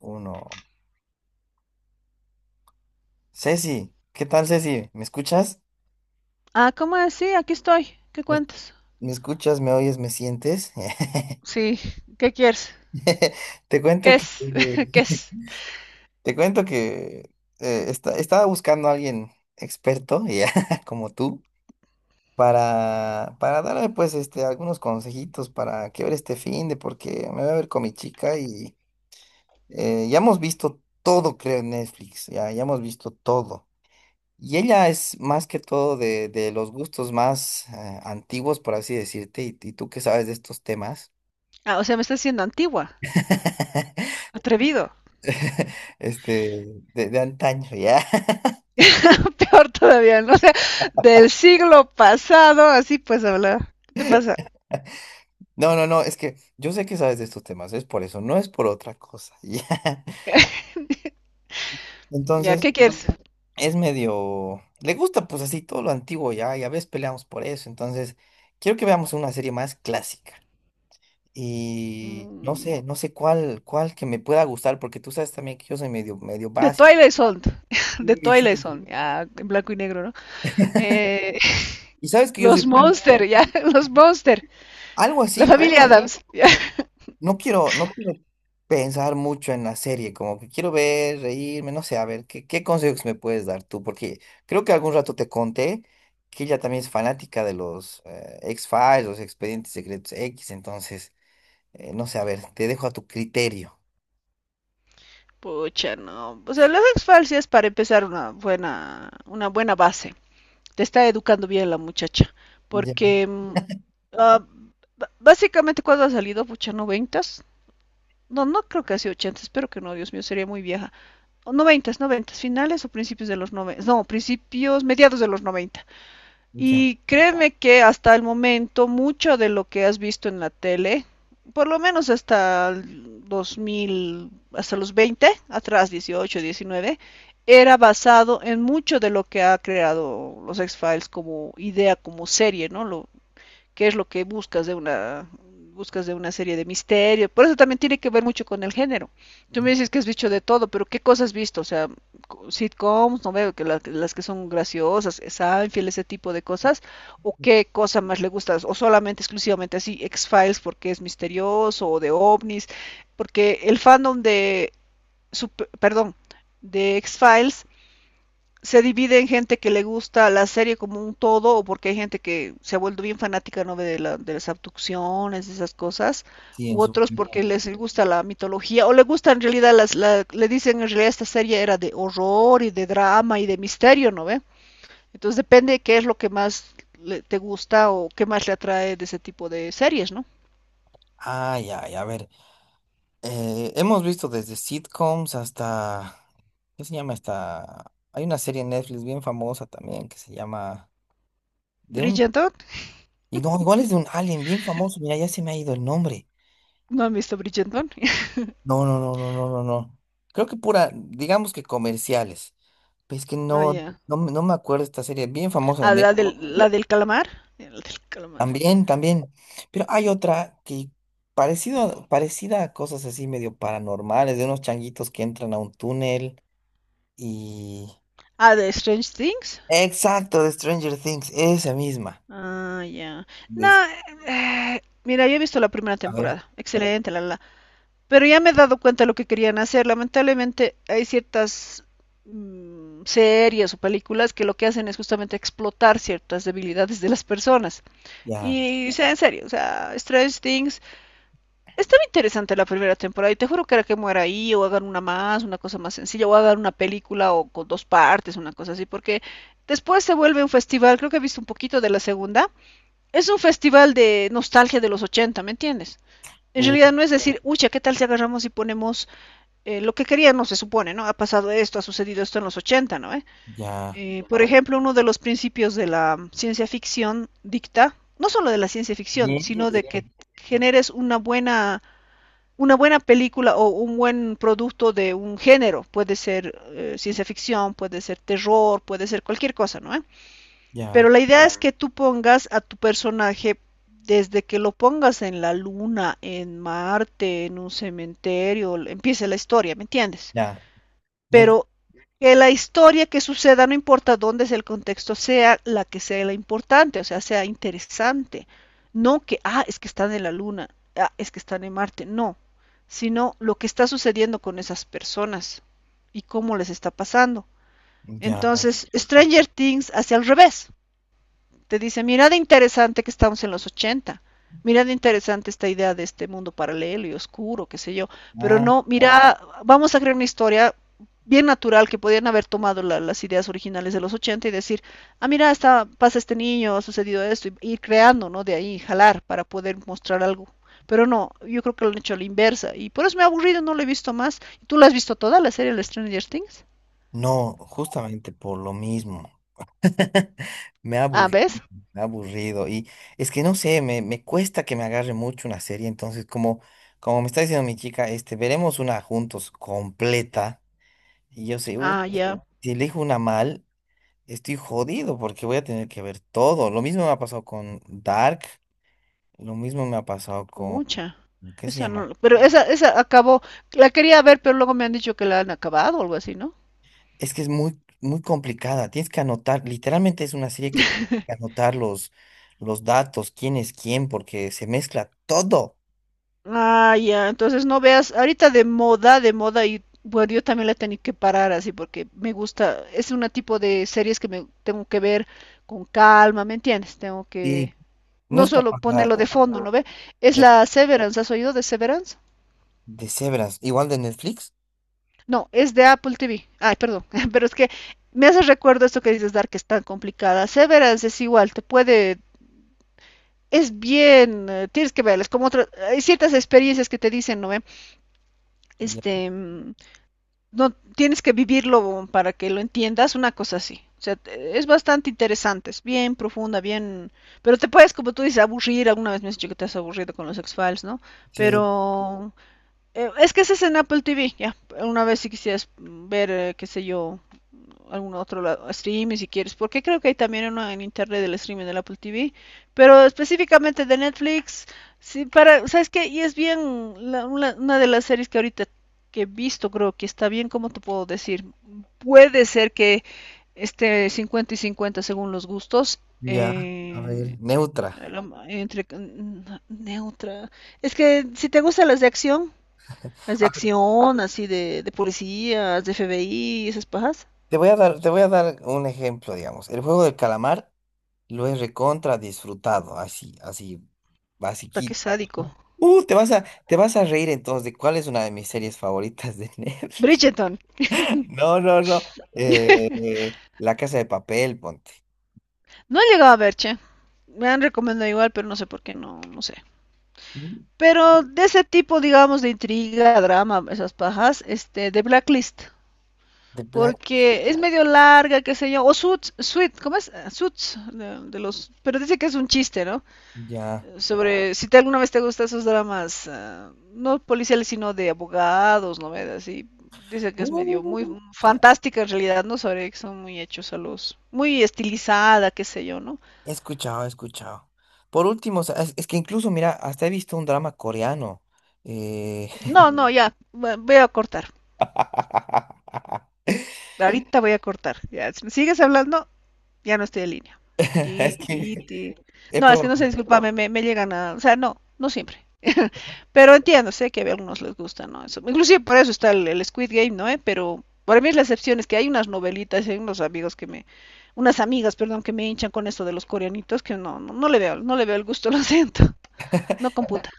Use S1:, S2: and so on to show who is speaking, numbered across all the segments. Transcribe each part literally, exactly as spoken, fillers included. S1: Uno. Ceci, ¿qué tal, Ceci? ¿Me escuchas?
S2: Ah, ¿cómo es? Sí, aquí estoy. ¿Qué
S1: ¿Me,
S2: cuentas?
S1: me escuchas? ¿Me oyes? ¿Me sientes?
S2: Sí, ¿qué quieres?
S1: Te cuento
S2: ¿Qué
S1: que
S2: es? ¿Qué es?
S1: te cuento que eh, esta- estaba buscando a alguien experto, ya, como tú, para, para darle pues este, algunos consejitos para que ver este finde, porque me voy a ver con mi chica y eh, ya hemos visto todo, creo, en Netflix, ya, ya hemos visto todo. Y ella es más que todo de, de los gustos más eh, antiguos, por así decirte, y, y tú que sabes de estos temas,
S2: Ah, o sea, me estás diciendo antigua. Atrevido.
S1: este, de, de antaño, ¿ya?
S2: Peor todavía, ¿no? O sea, del siglo pasado, así pues hablar. ¿Qué te pasa?
S1: No, no, no, es que yo sé que sabes de estos temas, es por eso, no es por otra cosa, ¿ya?
S2: Ya,
S1: Entonces,
S2: ¿qué quieres?
S1: es medio, le gusta pues así todo lo antiguo, ¿ya? Y a veces peleamos por eso, entonces, quiero que veamos una serie más clásica. Y no
S2: Mm,
S1: sé, no sé cuál, cuál que me pueda gustar, porque tú sabes también que yo soy medio, medio
S2: De
S1: básico.
S2: Twilight Zone. De
S1: Sí,
S2: Twilight
S1: sí.
S2: Zone, ya, en blanco y negro, ¿no? Eh,
S1: Y sabes que yo
S2: los
S1: soy bien-
S2: Monster, ya, los Monster.
S1: algo
S2: La
S1: así,
S2: familia
S1: pero
S2: Adams. Ya.
S1: no quiero, no quiero pensar mucho en la serie, como que quiero ver, reírme, no sé, a ver, ¿qué, qué consejos me puedes dar tú? Porque creo que algún rato te conté que ella también es fanática de los eh, X-Files, los Expedientes Secretos X, entonces, eh, no sé, a ver, te dejo a tu criterio.
S2: Pucha, no. O sea, las exfalcias para empezar una buena, una buena base. Te está educando bien la muchacha.
S1: Ya,
S2: Porque mm, ah, b- básicamente cuando ha salido, pucha, noventas. No, no creo que ha sido ochentas, espero que no, Dios mío, sería muy vieja. O noventas, noventas, finales o principios de los noventas. No, principios, mediados de los noventa.
S1: ya.
S2: Y créeme que hasta el momento mucho de lo que has visto en la tele, por lo menos hasta el dos mil, hasta los veinte, atrás dieciocho, diecinueve, era basado en mucho de lo que ha creado los X-Files como idea, como serie, ¿no? Lo, qué es lo que buscas de una buscas de una serie de misterio. Por eso también tiene que ver mucho con el género. Tú me dices que has visto de todo, pero ¿qué cosas has visto? O sea, sitcoms, no veo que la- las que son graciosas, Seinfeld, ese tipo de cosas. ¿O qué cosa más le gustas? O solamente, exclusivamente así, X-Files porque es misterioso, o de ovnis. Porque el fandom de, super- perdón, de X-Files se divide en gente que le gusta la serie como un todo, o porque hay gente que se ha vuelto bien fanática, ¿no?, de, la- de las abducciones, de esas cosas,
S1: Sí, en
S2: u
S1: su...
S2: otros porque les gusta la mitología, o le gusta en realidad, las, la- le dicen en realidad esta serie era de horror y de drama y de misterio, ¿no ve? Entonces depende de qué es lo que más le- te gusta o qué más le atrae de ese tipo de series, ¿no?
S1: Ay, ay, a ver. Eh, hemos visto desde sitcoms hasta, ¿qué se llama esta? Hay una serie en Netflix bien famosa también que se llama de un
S2: Bridgerton,
S1: y no, igual es de un alien bien famoso. Mira, ya se me ha ido el nombre.
S2: ¿no han visto Bridgerton?
S1: No, no, no, no, no, no, no. Creo que pura, digamos que comerciales. Pues es que
S2: Ah,
S1: no,
S2: ya.
S1: no, me no me acuerdo esta serie bien famosa de
S2: Ah, la
S1: Netflix.
S2: del, la del calamar. La del calamar.
S1: También, también. Pero hay otra que parecido, parecida a cosas así medio paranormales de unos changuitos que entran a un túnel.
S2: Ah, de Strange Things.
S1: Exacto, de Stranger Things, esa misma.
S2: Ah, ya. No,
S1: Des-
S2: eh, mira, yo he visto la primera
S1: a ver,
S2: temporada. Excelente, la, la. la. Pero ya me he dado cuenta de lo que querían hacer. Lamentablemente hay ciertas mm, series o películas que lo que hacen es justamente explotar ciertas debilidades de las personas.
S1: ya,
S2: Y, o sea, en serio, o sea, Stranger Things. Estaba interesante la primera temporada y te juro que era que muera ahí o hagan una más, una cosa más sencilla, o hagan una película o con dos partes, una cosa así, porque después se vuelve un festival. Creo que he visto un poquito de la segunda, es un festival de nostalgia de los ochenta, ¿me entiendes? En
S1: u,
S2: realidad no es decir, ucha, ¿qué tal si agarramos y ponemos eh, lo que queríamos, se supone, ¿no? Ha pasado esto, ha sucedido esto en los ochenta, ¿no? ¿Eh?
S1: ya,
S2: Eh, por ejemplo, uno de los principios de la ciencia ficción dicta, no solo de la ciencia ficción,
S1: ye,
S2: sino de que generes una buena, una buena película o un buen producto de un género. Puede ser eh, ciencia ficción, puede ser terror, puede ser cualquier cosa, ¿no? ¿Eh? Pero
S1: ya,
S2: la idea es que tú pongas a tu personaje desde que lo pongas en la luna, en Marte, en un cementerio, empiece la historia, ¿me entiendes?
S1: ya, no, hay-
S2: Pero que la historia que suceda, no importa dónde es el contexto, sea la que sea la importante, o sea, sea interesante. No que, ah, es que están en la luna, ah, es que están en Marte, no, sino lo que está sucediendo con esas personas y cómo les está pasando.
S1: ya,
S2: Entonces, Stranger Things hacia el revés. Te dice, mira de interesante que estamos en los ochenta. Mira de interesante esta idea de este mundo paralelo y oscuro, qué sé yo. Pero
S1: ah,
S2: no, mira, vamos a crear una historia bien natural que podían haber tomado la- las ideas originales de los ochenta y decir, ah, mira, está, pasa este niño, ha sucedido esto, y ir creando, ¿no? De ahí, jalar para poder mostrar algo. Pero no, yo creo que lo han hecho a la inversa. Y por eso me ha aburrido, no lo he visto más. ¿Tú la has visto toda la serie, la Stranger Things?
S1: no, justamente por lo mismo. Me ha
S2: Ah,
S1: aburrido,
S2: ¿ves?
S1: me ha aburrido. Y es que no sé, me, me cuesta que me agarre mucho una serie. Entonces, como, como me está diciendo mi chica, este, veremos una juntos completa. Y yo sé, uh,
S2: Ah, ya.
S1: si elijo una mal, estoy jodido porque voy a tener que ver todo. Lo mismo me ha pasado con Dark, lo mismo me ha pasado con,
S2: Pucha,
S1: ¿qué se
S2: esa
S1: llama?
S2: no, pero esa, esa acabó, la quería ver, pero luego me han dicho que la han acabado o algo así, ¿no?
S1: Es que es muy, muy complicada. Tienes que anotar, literalmente es una serie que tienes que anotar los, los datos, quién es quién, porque se mezcla todo.
S2: Ah, ya, entonces no veas, ahorita de moda, de moda, y bueno, yo también la he tenido que parar así porque me gusta, es un tipo de series que me tengo que ver con calma, ¿me entiendes? Tengo
S1: Y
S2: que,
S1: no
S2: no
S1: es para
S2: solo
S1: pasar
S2: ponerlo de fondo, ¿no ve? Es
S1: de,
S2: la Severance, ¿has oído de Severance?
S1: de cebras, igual de Netflix.
S2: No, es de Apple T V. Ay, perdón, pero es que me hace recuerdo esto que dices, Dar, que es tan complicada. Severance es igual, te puede, es bien, eh, tienes que verles, como otras, hay ciertas experiencias que te dicen, ¿no? eh
S1: Ya,
S2: Este, mm, no, tienes que vivirlo para que lo entiendas, una cosa así. O sea, es bastante interesante, es bien profunda, bien, pero te puedes, como tú dices, aburrir, alguna vez me has dicho que te has aburrido con los X-Files, ¿no?
S1: sí,
S2: Pero eh, es que ese es en Apple T V, ya, una vez si quisieras mm, ver, eh, qué sé yo, algún otro lado, streaming si quieres, porque creo que hay también uno en internet del streaming del Apple T V, pero específicamente de Netflix, sí, para, ¿sabes qué? Y es bien la- una, una de las series que ahorita que he visto, creo que está bien, ¿cómo te puedo decir? Puede ser que esté cincuenta y cincuenta según los gustos,
S1: ya. A
S2: eh,
S1: ver, neutra.
S2: la entre mm, neutra. Es que si te gustan las de acción, las de
S1: A ver,
S2: acción, así de, de policías, de F B I, esas pajas.
S1: te voy a dar, te voy a dar un ejemplo, digamos. El juego del calamar lo he recontra disfrutado, así, así,
S2: Puta, qué
S1: basiquito.
S2: sádico.
S1: Uh, te vas a, te vas a reír entonces de cuál es una de mis series favoritas de Netflix.
S2: Bridgerton,
S1: No, no, no. eh, eh, La Casa de Papel, ponte.
S2: no he llegado a ver, che. Me han recomendado igual, pero no sé por qué, no, no sé.
S1: Mm,
S2: Pero de ese tipo, digamos, de intriga, drama, esas pajas, este, de Blacklist.
S1: The Black.
S2: Porque es medio larga, qué sé yo. O Suits, Suits, ¿cómo es? Ah, Suits, de, de los... Pero dice que es un chiste, ¿no?
S1: Ya.
S2: Sobre si te alguna vez te gustan esos dramas, ah, no policiales, sino de abogados, novelas, y dice que es medio muy
S1: Uh, ta-
S2: fantástica en realidad, ¿no? Sobre que son muy hechos a los, muy estilizada, qué sé yo, ¿no?
S1: he escuchado, he escuchado. Por último, o sea, es, es que incluso, mira, hasta he visto un drama coreano. Eh,
S2: No, no, ya, va- voy a cortar. Ahorita voy a cortar. Ya, si me sigues hablando, ya no estoy en línea. Ti,
S1: es
S2: ti,
S1: que
S2: ti.
S1: he
S2: No, es que no sé,
S1: probado.
S2: discúlpame, me, me llegan a... O sea, no, no siempre. Pero entiendo, sé que a algunos les gusta, ¿no? Eso. Inclusive por eso está el, el Squid Game, ¿no? ¿Eh? Pero para mí es la excepción, es que hay unas novelitas, hay unos amigos que me... Unas amigas, perdón, que me hinchan con esto de los coreanitos, que no, no, no le veo, no le veo el gusto, lo siento. No computa.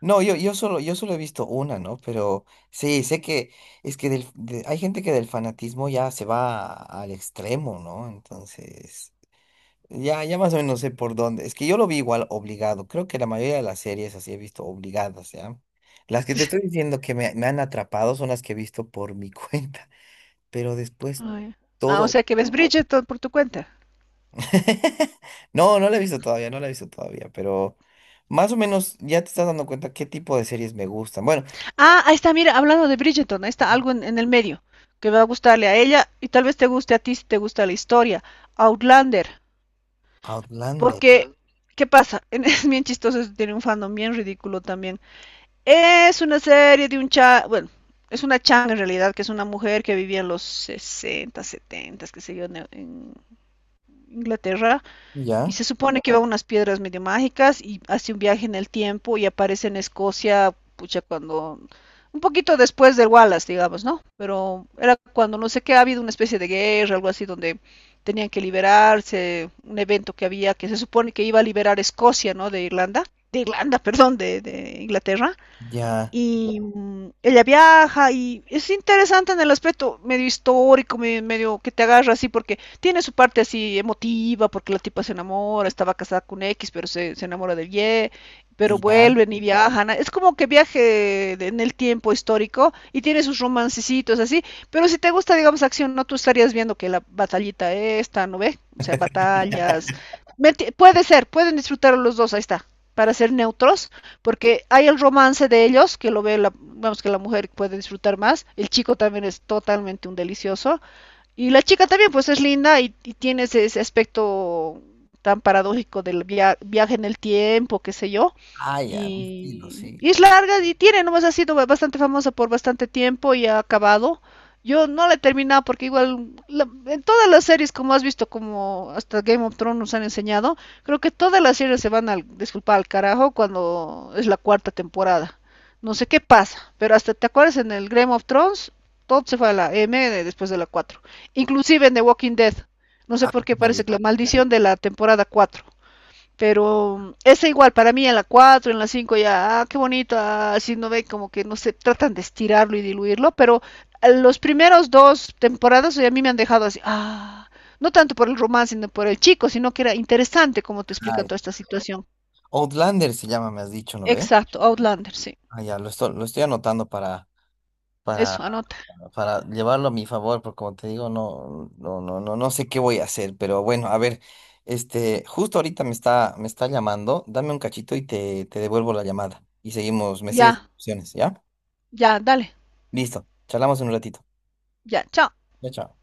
S1: No, yo, yo solo, yo solo he visto una, ¿no? Pero sí, sé que es que del- de- hay gente que del fanatismo ya se va a- al extremo, ¿no? Entonces, ya, ya más o menos sé por dónde. Es que yo lo vi igual obligado. Creo que la mayoría de las series así he visto obligadas, ¿ya? Las que te estoy diciendo que me, me han atrapado son las que he visto por mi cuenta. Pero después
S2: Ay. Ah, o
S1: todo.
S2: sea que ves Bridgerton por tu cuenta.
S1: No, no la he visto todavía, no la he visto todavía, pero más o menos ya te estás dando cuenta qué tipo de series me gustan. Bueno.
S2: Ah, ahí está, mira, hablando de Bridgerton, ahí está
S1: Ujú.
S2: algo en, en el medio que va a gustarle a ella y tal vez te guste a ti si te gusta la historia. Outlander,
S1: Outlander.
S2: porque, ¿qué pasa? Es bien chistoso, eso tiene un fandom bien ridículo también. Es una serie de un cha, bueno, es una changa en realidad, que es una mujer que vivía en los sesenta, setenta, qué sé yo, en en Inglaterra y
S1: Ya,
S2: se supone que va a unas piedras medio mágicas y hace un viaje en el tiempo y aparece en Escocia, pucha, cuando... Un poquito después del Wallace, digamos, ¿no? Pero era cuando no sé qué, ha habido una especie de guerra, algo así, donde tenían que liberarse, un evento que había que se supone que iba a liberar Escocia, ¿no? De Irlanda, de Irlanda, perdón, de, de Inglaterra.
S1: ya,
S2: Y mm, ella viaja y es interesante en el aspecto medio histórico, me- medio que te agarra así, porque tiene su parte así emotiva, porque la tipa se enamora, estaba casada con X, pero se, se enamora del Y, pero
S1: ya.
S2: vuelven y viajan. Es como que viaje de- en el tiempo histórico y tiene sus romancecitos así, pero si te gusta, digamos, acción, no tú estarías viendo que la batallita esta, ¿no ve? O sea, batallas. Meti- puede ser, pueden disfrutar los dos, ahí está, para ser neutros porque hay el romance de ellos, que lo ve, la, vamos, que la mujer puede disfrutar más, el chico también es totalmente un delicioso, y la chica también, pues es linda y, y tiene ese, ese aspecto tan paradójico del via- viaje en el tiempo, qué sé yo.
S1: Ah, ya, mi estilo,
S2: Y,
S1: sí.
S2: y es larga y tiene, nomás ha sido ba- bastante famosa por bastante tiempo y ha acabado. Yo no la he terminado porque igual la- en todas las series, como has visto, como hasta Game of Thrones nos han enseñado, creo que todas las series se van al, disculpa, al carajo cuando es la cuarta temporada. No sé qué pasa, pero hasta te acuerdas en el Game of Thrones, todo se fue a la M de- después de la cuatro inclusive en The Walking Dead. No sé
S1: Ah,
S2: por qué
S1: me
S2: parece
S1: vi-
S2: que la maldición de la temporada cuatro, pero esa igual, para mí en la cuatro en la cinco ya, ah, qué bonito, ah, así no ve como que no se tratan de estirarlo y diluirlo, pero los primeros dos temporadas o sea, a mí me han dejado así, ah, no tanto por el romance, sino por el chico, sino que era interesante como te explican
S1: ay.
S2: toda esta situación.
S1: Outlander se llama, me has dicho, ¿no ve?
S2: Exacto, Outlander, sí.
S1: Ah, ya, lo estoy, lo estoy anotando para, para,
S2: Eso, anota.
S1: para llevarlo a mi favor, porque como te digo, no, no, no, no, no sé qué voy a hacer, pero bueno, a ver, este, justo ahorita me está, me está llamando, dame un cachito y te, te devuelvo la llamada. Y seguimos, me sigues
S2: Ya,
S1: opciones, ¿ya?
S2: ya, dale.
S1: Listo, charlamos en un ratito.
S2: Ya, chao.
S1: Ya, chao.